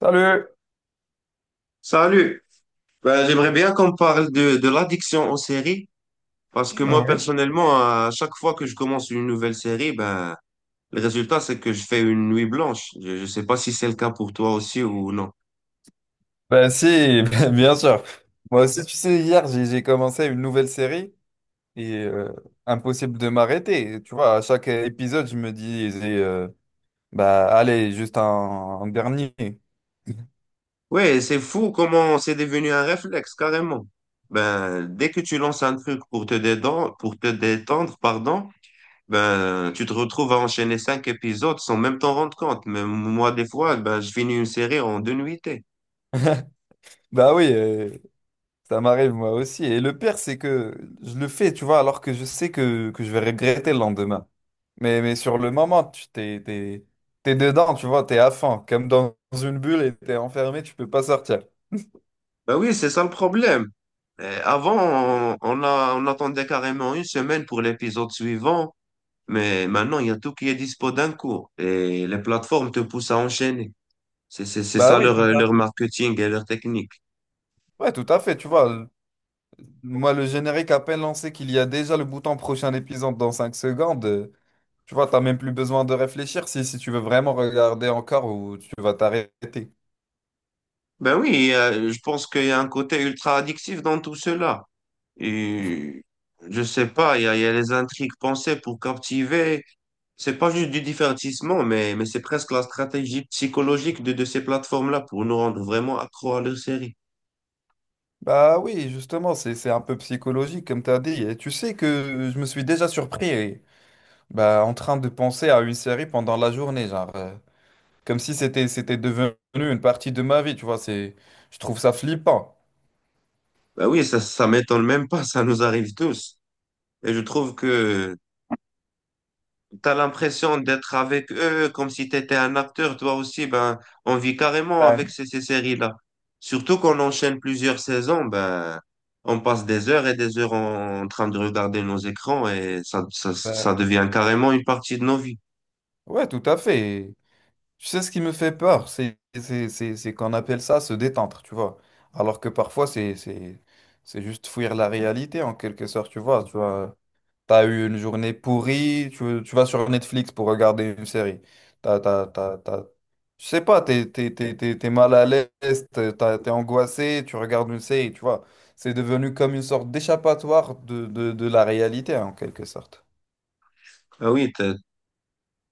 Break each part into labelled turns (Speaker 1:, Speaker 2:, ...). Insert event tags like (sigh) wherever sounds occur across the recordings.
Speaker 1: Salut!
Speaker 2: Salut. Ben, j'aimerais bien qu'on parle de l'addiction aux séries parce que moi
Speaker 1: Oui.
Speaker 2: personnellement, à chaque fois que je commence une nouvelle série, ben, le résultat c'est que je fais une nuit blanche. Je ne sais pas si c'est le cas pour toi aussi ou non.
Speaker 1: Bah si, (laughs) bah, bien sûr. Moi aussi, tu sais, hier, j'ai commencé une nouvelle série et impossible de m'arrêter. Tu vois, à chaque épisode, je me dis, bah allez, juste un dernier.
Speaker 2: Ouais, c'est fou comment c'est devenu un réflexe carrément. Ben, dès que tu lances un truc pour te détendre, pardon, ben, tu te retrouves à enchaîner cinq épisodes sans même t'en rendre compte. Mais moi, des fois, ben, je finis une série en deux nuitées.
Speaker 1: (laughs) Bah oui, ça m'arrive moi aussi. Et le pire, c'est que je le fais, tu vois, alors que je sais que je vais regretter le lendemain. Mais sur le moment, tu t'es dedans, tu vois, t'es à fond, comme dans une bulle et t'es enfermé, tu peux pas sortir.
Speaker 2: Ben oui, c'est ça le problème. Avant, on attendait carrément une semaine pour l'épisode suivant, mais maintenant, il y a tout qui est dispo d'un coup et les plateformes te poussent à enchaîner. C'est
Speaker 1: Bah
Speaker 2: ça
Speaker 1: oui, tout
Speaker 2: leur,
Speaker 1: à
Speaker 2: leur
Speaker 1: fait.
Speaker 2: marketing et leur technique.
Speaker 1: Ouais, tout à fait, tu vois. Moi, le générique à peine lancé qu'il y a déjà le bouton prochain épisode dans 5 secondes, tu vois, t'as même plus besoin de réfléchir si, si tu veux vraiment regarder encore ou tu vas t'arrêter.
Speaker 2: Ben oui, je pense qu'il y a un côté ultra addictif dans tout cela. Et je sais pas, il y a les intrigues pensées pour captiver. C'est pas juste du divertissement, mais c'est presque la stratégie psychologique de ces plateformes-là pour nous rendre vraiment accro à leur série.
Speaker 1: Bah oui, justement, c'est un peu psychologique, comme t'as dit. Et tu sais que je me suis déjà surpris, eh, bah, en train de penser à une série pendant la journée, genre, comme si c'était devenu une partie de ma vie, tu vois, c'est, je trouve ça flippant.
Speaker 2: Bah oui, ça m'étonne même pas, ça nous arrive tous. Et je trouve que tu as l'impression d'être avec eux comme si tu étais un acteur, toi aussi. Ben, on vit carrément avec
Speaker 1: Ouais,
Speaker 2: ces séries-là. Surtout qu'on enchaîne plusieurs saisons, ben, on passe des heures et des heures en train de regarder nos écrans et ça
Speaker 1: ouais.
Speaker 2: devient carrément une partie de nos vies.
Speaker 1: Ouais, tout à fait. Tu sais, ce qui me fait peur, c'est c'est qu'on appelle ça se détendre, tu vois. Alors que parfois, c'est juste fuir la réalité, en quelque sorte, tu vois. Tu vois, t'as eu une journée pourrie, tu vas sur Netflix pour regarder une série. T'as, t'as, t'as, t'as- Je sais pas, t'es mal à l'aise, t'es angoissé, tu regardes une série, tu vois. C'est devenu comme une sorte d'échappatoire de la réalité, en quelque sorte.
Speaker 2: Ah oui, tu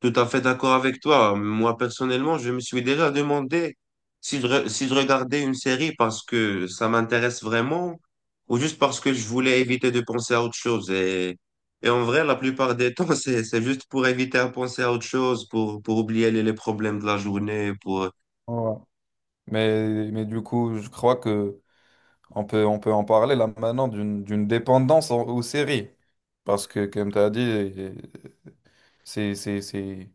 Speaker 2: tout à fait d'accord avec toi. Moi, personnellement, je me suis déjà demandé si si je regardais une série parce que ça m'intéresse vraiment ou juste parce que je voulais éviter de penser à autre chose. Et en vrai, la plupart des temps, (laughs) c'est juste pour éviter à penser à autre chose, pour oublier les problèmes de la journée, pour,
Speaker 1: Ouais. Mais du coup, je crois que... on peut en parler là maintenant d'une dépendance aux séries. Parce que, comme tu as dit, c'est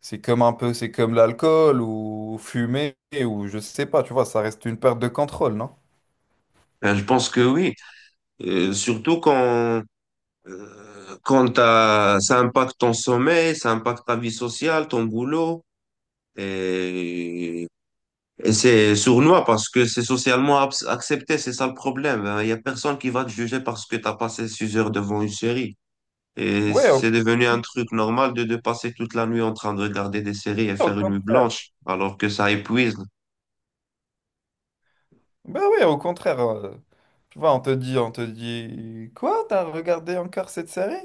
Speaker 1: c'est comme un peu, c'est comme l'alcool ou fumer ou je sais pas, tu vois, ça reste une perte de contrôle, non?
Speaker 2: ben, je pense que oui. Surtout quand, euh, quand ça impacte ton sommeil, ça impacte ta vie sociale, ton boulot. Et Et c'est sournois parce que c'est socialement accepté, c'est ça le problème, hein. Il y a personne qui va te juger parce que t'as passé six heures devant une série. Et
Speaker 1: Ouais,
Speaker 2: c'est devenu un truc normal de passer toute la nuit en train de regarder des séries et
Speaker 1: au
Speaker 2: faire une nuit
Speaker 1: contraire.
Speaker 2: blanche, alors que ça épuise.
Speaker 1: Ben ouais, au contraire. Tu vois, on te dit, quoi, t'as regardé encore cette série?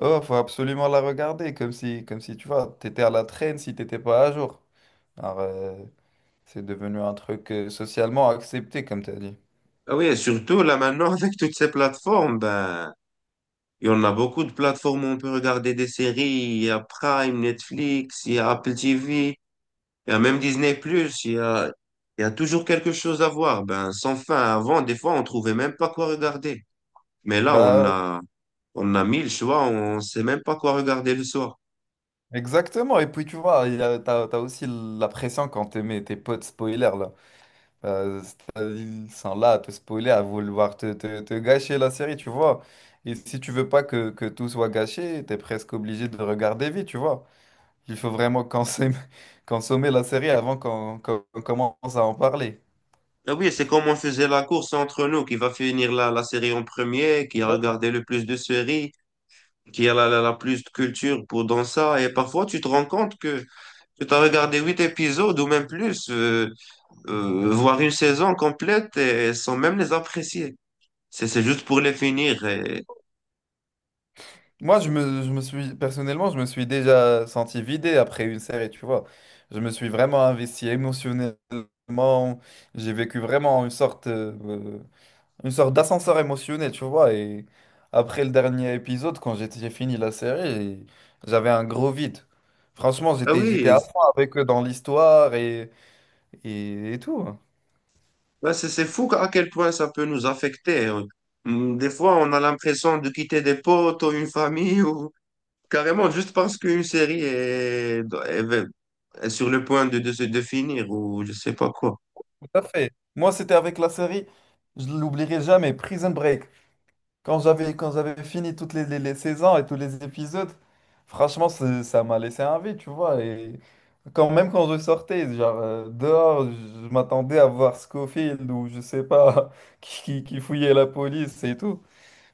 Speaker 1: Oh, faut absolument la regarder, comme si, tu vois, t'étais à la traîne si t'étais pas à jour. C'est devenu un truc socialement accepté, comme tu as dit.
Speaker 2: Ah oui, et surtout là maintenant (laughs) avec toutes ces plateformes, ben, il y en a beaucoup de plateformes où on peut regarder des séries. Il y a Prime, Netflix, il y a Apple TV. Il y a même Disney+, plus, il y a toujours quelque chose à voir. Ben, sans fin, avant, des fois, on trouvait même pas quoi regarder. Mais là,
Speaker 1: Bah,
Speaker 2: on a mille choix, on sait même pas quoi regarder le soir.
Speaker 1: exactement. Et puis, tu vois, il y a, t'as aussi la pression quand tes potes spoilers, là. C'est-à-dire, ils sont là à te spoiler, à vouloir te gâcher la série, tu vois. Et si tu veux pas que tout soit gâché, t'es presque obligé de regarder vite, tu vois. Il faut vraiment consommer, (laughs) consommer la série avant qu'on commence à en parler.
Speaker 2: Ah oui, c'est comme on faisait la course entre nous, qui va finir la série en premier, qui a regardé le plus de séries, qui a la plus de culture pour dans ça. Et parfois, tu te rends compte que tu as regardé huit épisodes ou même plus, voire une saison complète, et sans même les apprécier. C'est juste pour les finir. Et,
Speaker 1: Moi, je me suis, personnellement, je me suis déjà senti vidé après une série, tu vois. Je me suis vraiment investi émotionnellement. J'ai vécu vraiment une sorte d'ascenseur émotionnel, tu vois. Et après le dernier épisode, quand j'ai fini la série, j'avais un gros vide. Franchement,
Speaker 2: ah
Speaker 1: j'étais à
Speaker 2: oui,
Speaker 1: fond avec eux dans l'histoire et, et tout. Hein.
Speaker 2: ouais, c'est fou à quel point ça peut nous affecter, hein. Des fois, on a l'impression de quitter des potes ou une famille ou carrément juste parce qu'une série est- est sur le point de se définir ou je sais pas quoi.
Speaker 1: Tout à fait. Moi, c'était avec la série, je l'oublierai jamais, Prison Break. Quand j'avais fini toutes les saisons et tous les épisodes, franchement, ça m'a laissé un vide, tu vois. Et quand même quand je sortais, genre dehors, je m'attendais à voir Scofield ou je sais pas, (laughs) qui fouillait la police et tout.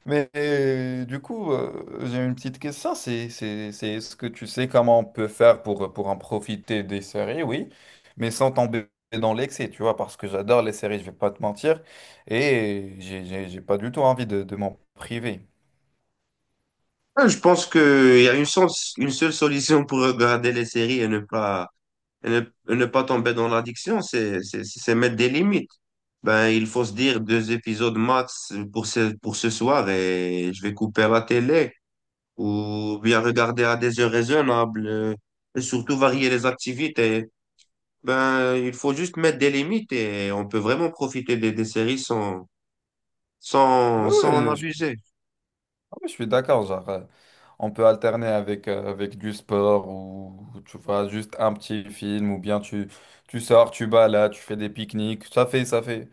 Speaker 1: Mais du coup, j'ai une petite question, c'est est-ce que tu sais comment on peut faire pour en profiter des séries, oui, mais sans tomber dans l'excès, tu vois, parce que j'adore les séries, je vais pas te mentir, et j'ai pas du tout envie de m'en priver.
Speaker 2: Ouais, je pense qu'il y a une seule solution pour regarder les séries et ne, et ne pas tomber dans l'addiction, c'est mettre des limites. Ben, il faut se dire deux épisodes max pour pour ce soir et je vais couper la télé, ou bien regarder à des heures raisonnables, et surtout varier les activités. Ben, il faut juste mettre des limites et on peut vraiment profiter des séries sans, sans,
Speaker 1: Oui, oui,
Speaker 2: sans en
Speaker 1: je, suis
Speaker 2: abuser.
Speaker 1: ah ouais, je suis d'accord, genre, on peut alterner avec, avec du sport, ou tu vois, juste un petit film, ou bien tu, tu sors, tu balades, tu fais des pique-niques, ça fait.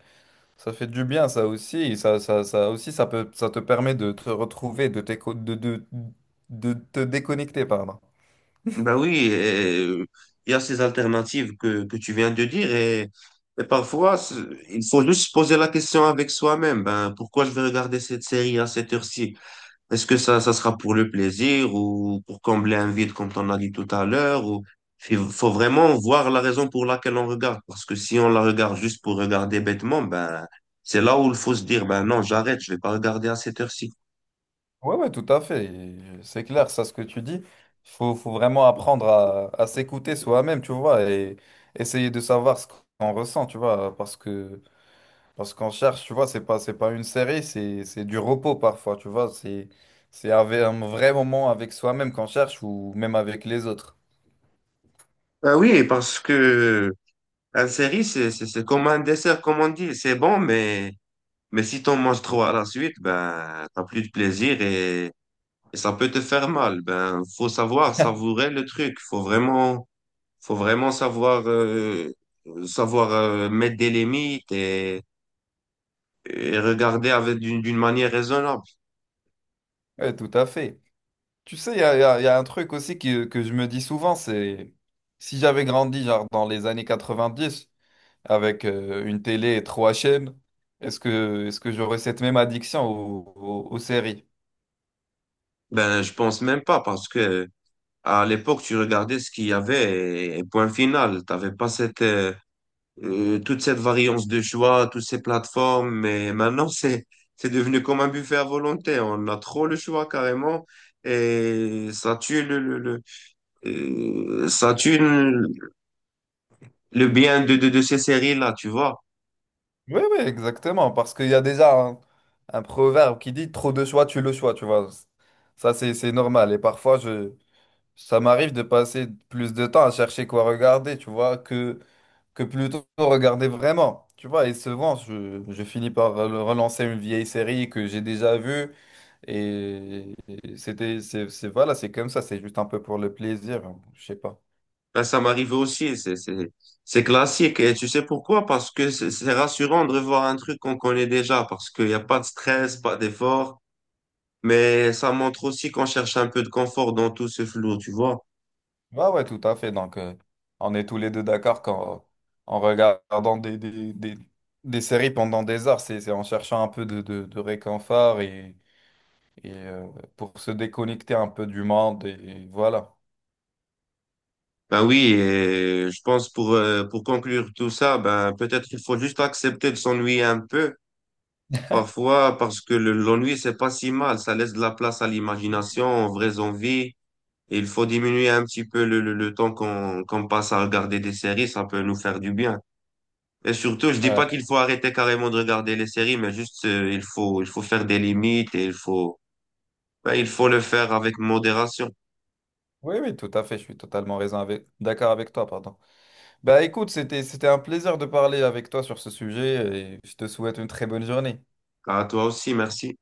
Speaker 1: Ça fait du bien, ça aussi. Ça aussi, ça peut, ça te permet de te retrouver, de te déconnecter, pardon.
Speaker 2: Ben oui, et, euh, il y a ces alternatives que tu viens de dire et parfois, il faut juste se poser la question avec soi-même. Ben, pourquoi je vais regarder cette série à cette heure-ci? Est-ce que ça sera pour le plaisir ou pour combler un vide comme on a dit tout à l'heure ou il faut vraiment voir la raison pour laquelle on regarde parce que si on la regarde juste pour regarder bêtement, ben c'est là où il faut se dire, ben non, j'arrête, je vais pas regarder à cette heure-ci.
Speaker 1: Ouais, ouais, tout à fait. Et c'est clair, ça, ce que tu dis. Faut vraiment apprendre à s'écouter soi-même, tu vois, et essayer de savoir ce qu'on ressent, tu vois, parce que, parce qu'on cherche, tu vois, c'est pas une série, c'est du repos parfois, tu vois. C'est, un vrai moment avec soi-même qu'on cherche ou même avec les autres.
Speaker 2: Ben oui, parce que un série c'est comme un dessert comme on dit, c'est bon, mais si t'en manges trop à la suite, ben t'as plus de plaisir et ça peut te faire mal. Ben faut savoir savourer le truc, faut vraiment savoir, savoir mettre des limites et regarder avec d'une manière raisonnable.
Speaker 1: Ouais, tout à fait. Tu sais, il y a un truc aussi que je me dis souvent, c'est si j'avais grandi genre dans les années 90 avec une télé et trois chaînes, est-ce que j'aurais cette même addiction aux séries?
Speaker 2: Ben, je pense même pas parce que à l'époque, tu regardais ce qu'il y avait et point final. T'avais pas cette, toute cette variance de choix, toutes ces plateformes. Mais maintenant, (laughs) c'est devenu comme un buffet à volonté. On a trop le choix carrément. Et ça tue ça tue le bien de ces séries-là, tu vois.
Speaker 1: Oui, oui, exactement, parce qu'il y a déjà un proverbe qui dit trop de choix, tu le choix, tu vois. Ça, c'est normal. Et parfois, je, ça m'arrive de passer plus de temps à chercher quoi regarder, tu vois, que plutôt regarder vraiment. Tu vois, et souvent, je finis par relancer une vieille série que j'ai déjà vue. Et voilà, c'est comme ça, c'est juste un peu pour le plaisir. Je sais pas.
Speaker 2: Ben, ça m'arrive aussi, c'est classique. Et tu sais pourquoi? Parce que c'est rassurant de revoir un truc qu'on connaît déjà, parce qu'il n'y a pas de stress, pas d'effort, mais ça montre aussi qu'on cherche un peu de confort dans tout ce flou, tu vois?
Speaker 1: Ouais, ouais, tout à fait. Donc, on est tous les deux d'accord qu'en en regardant des séries pendant des heures, c'est en cherchant un peu de réconfort et pour se déconnecter un peu du monde. Et, voilà.
Speaker 2: Ben oui, et je pense pour conclure tout ça, ben peut-être qu'il faut juste accepter de s'ennuyer un peu, parfois, parce que l'ennui, c'est pas si mal, ça laisse de la place à l'imagination, aux vraies envies. Et il faut diminuer un petit peu le temps qu'on passe à regarder des séries, ça peut nous faire du bien. Et surtout, je dis
Speaker 1: Euh,
Speaker 2: pas qu'il faut arrêter carrément de regarder les séries, mais juste il faut faire des limites et il faut ben, il faut le faire avec modération.
Speaker 1: oui, oui, tout à fait. Je suis totalement raison avec, d'accord avec toi, pardon. Bah écoute, c'était un plaisir de parler avec toi sur ce sujet et je te souhaite une très bonne journée.
Speaker 2: À toi aussi, merci.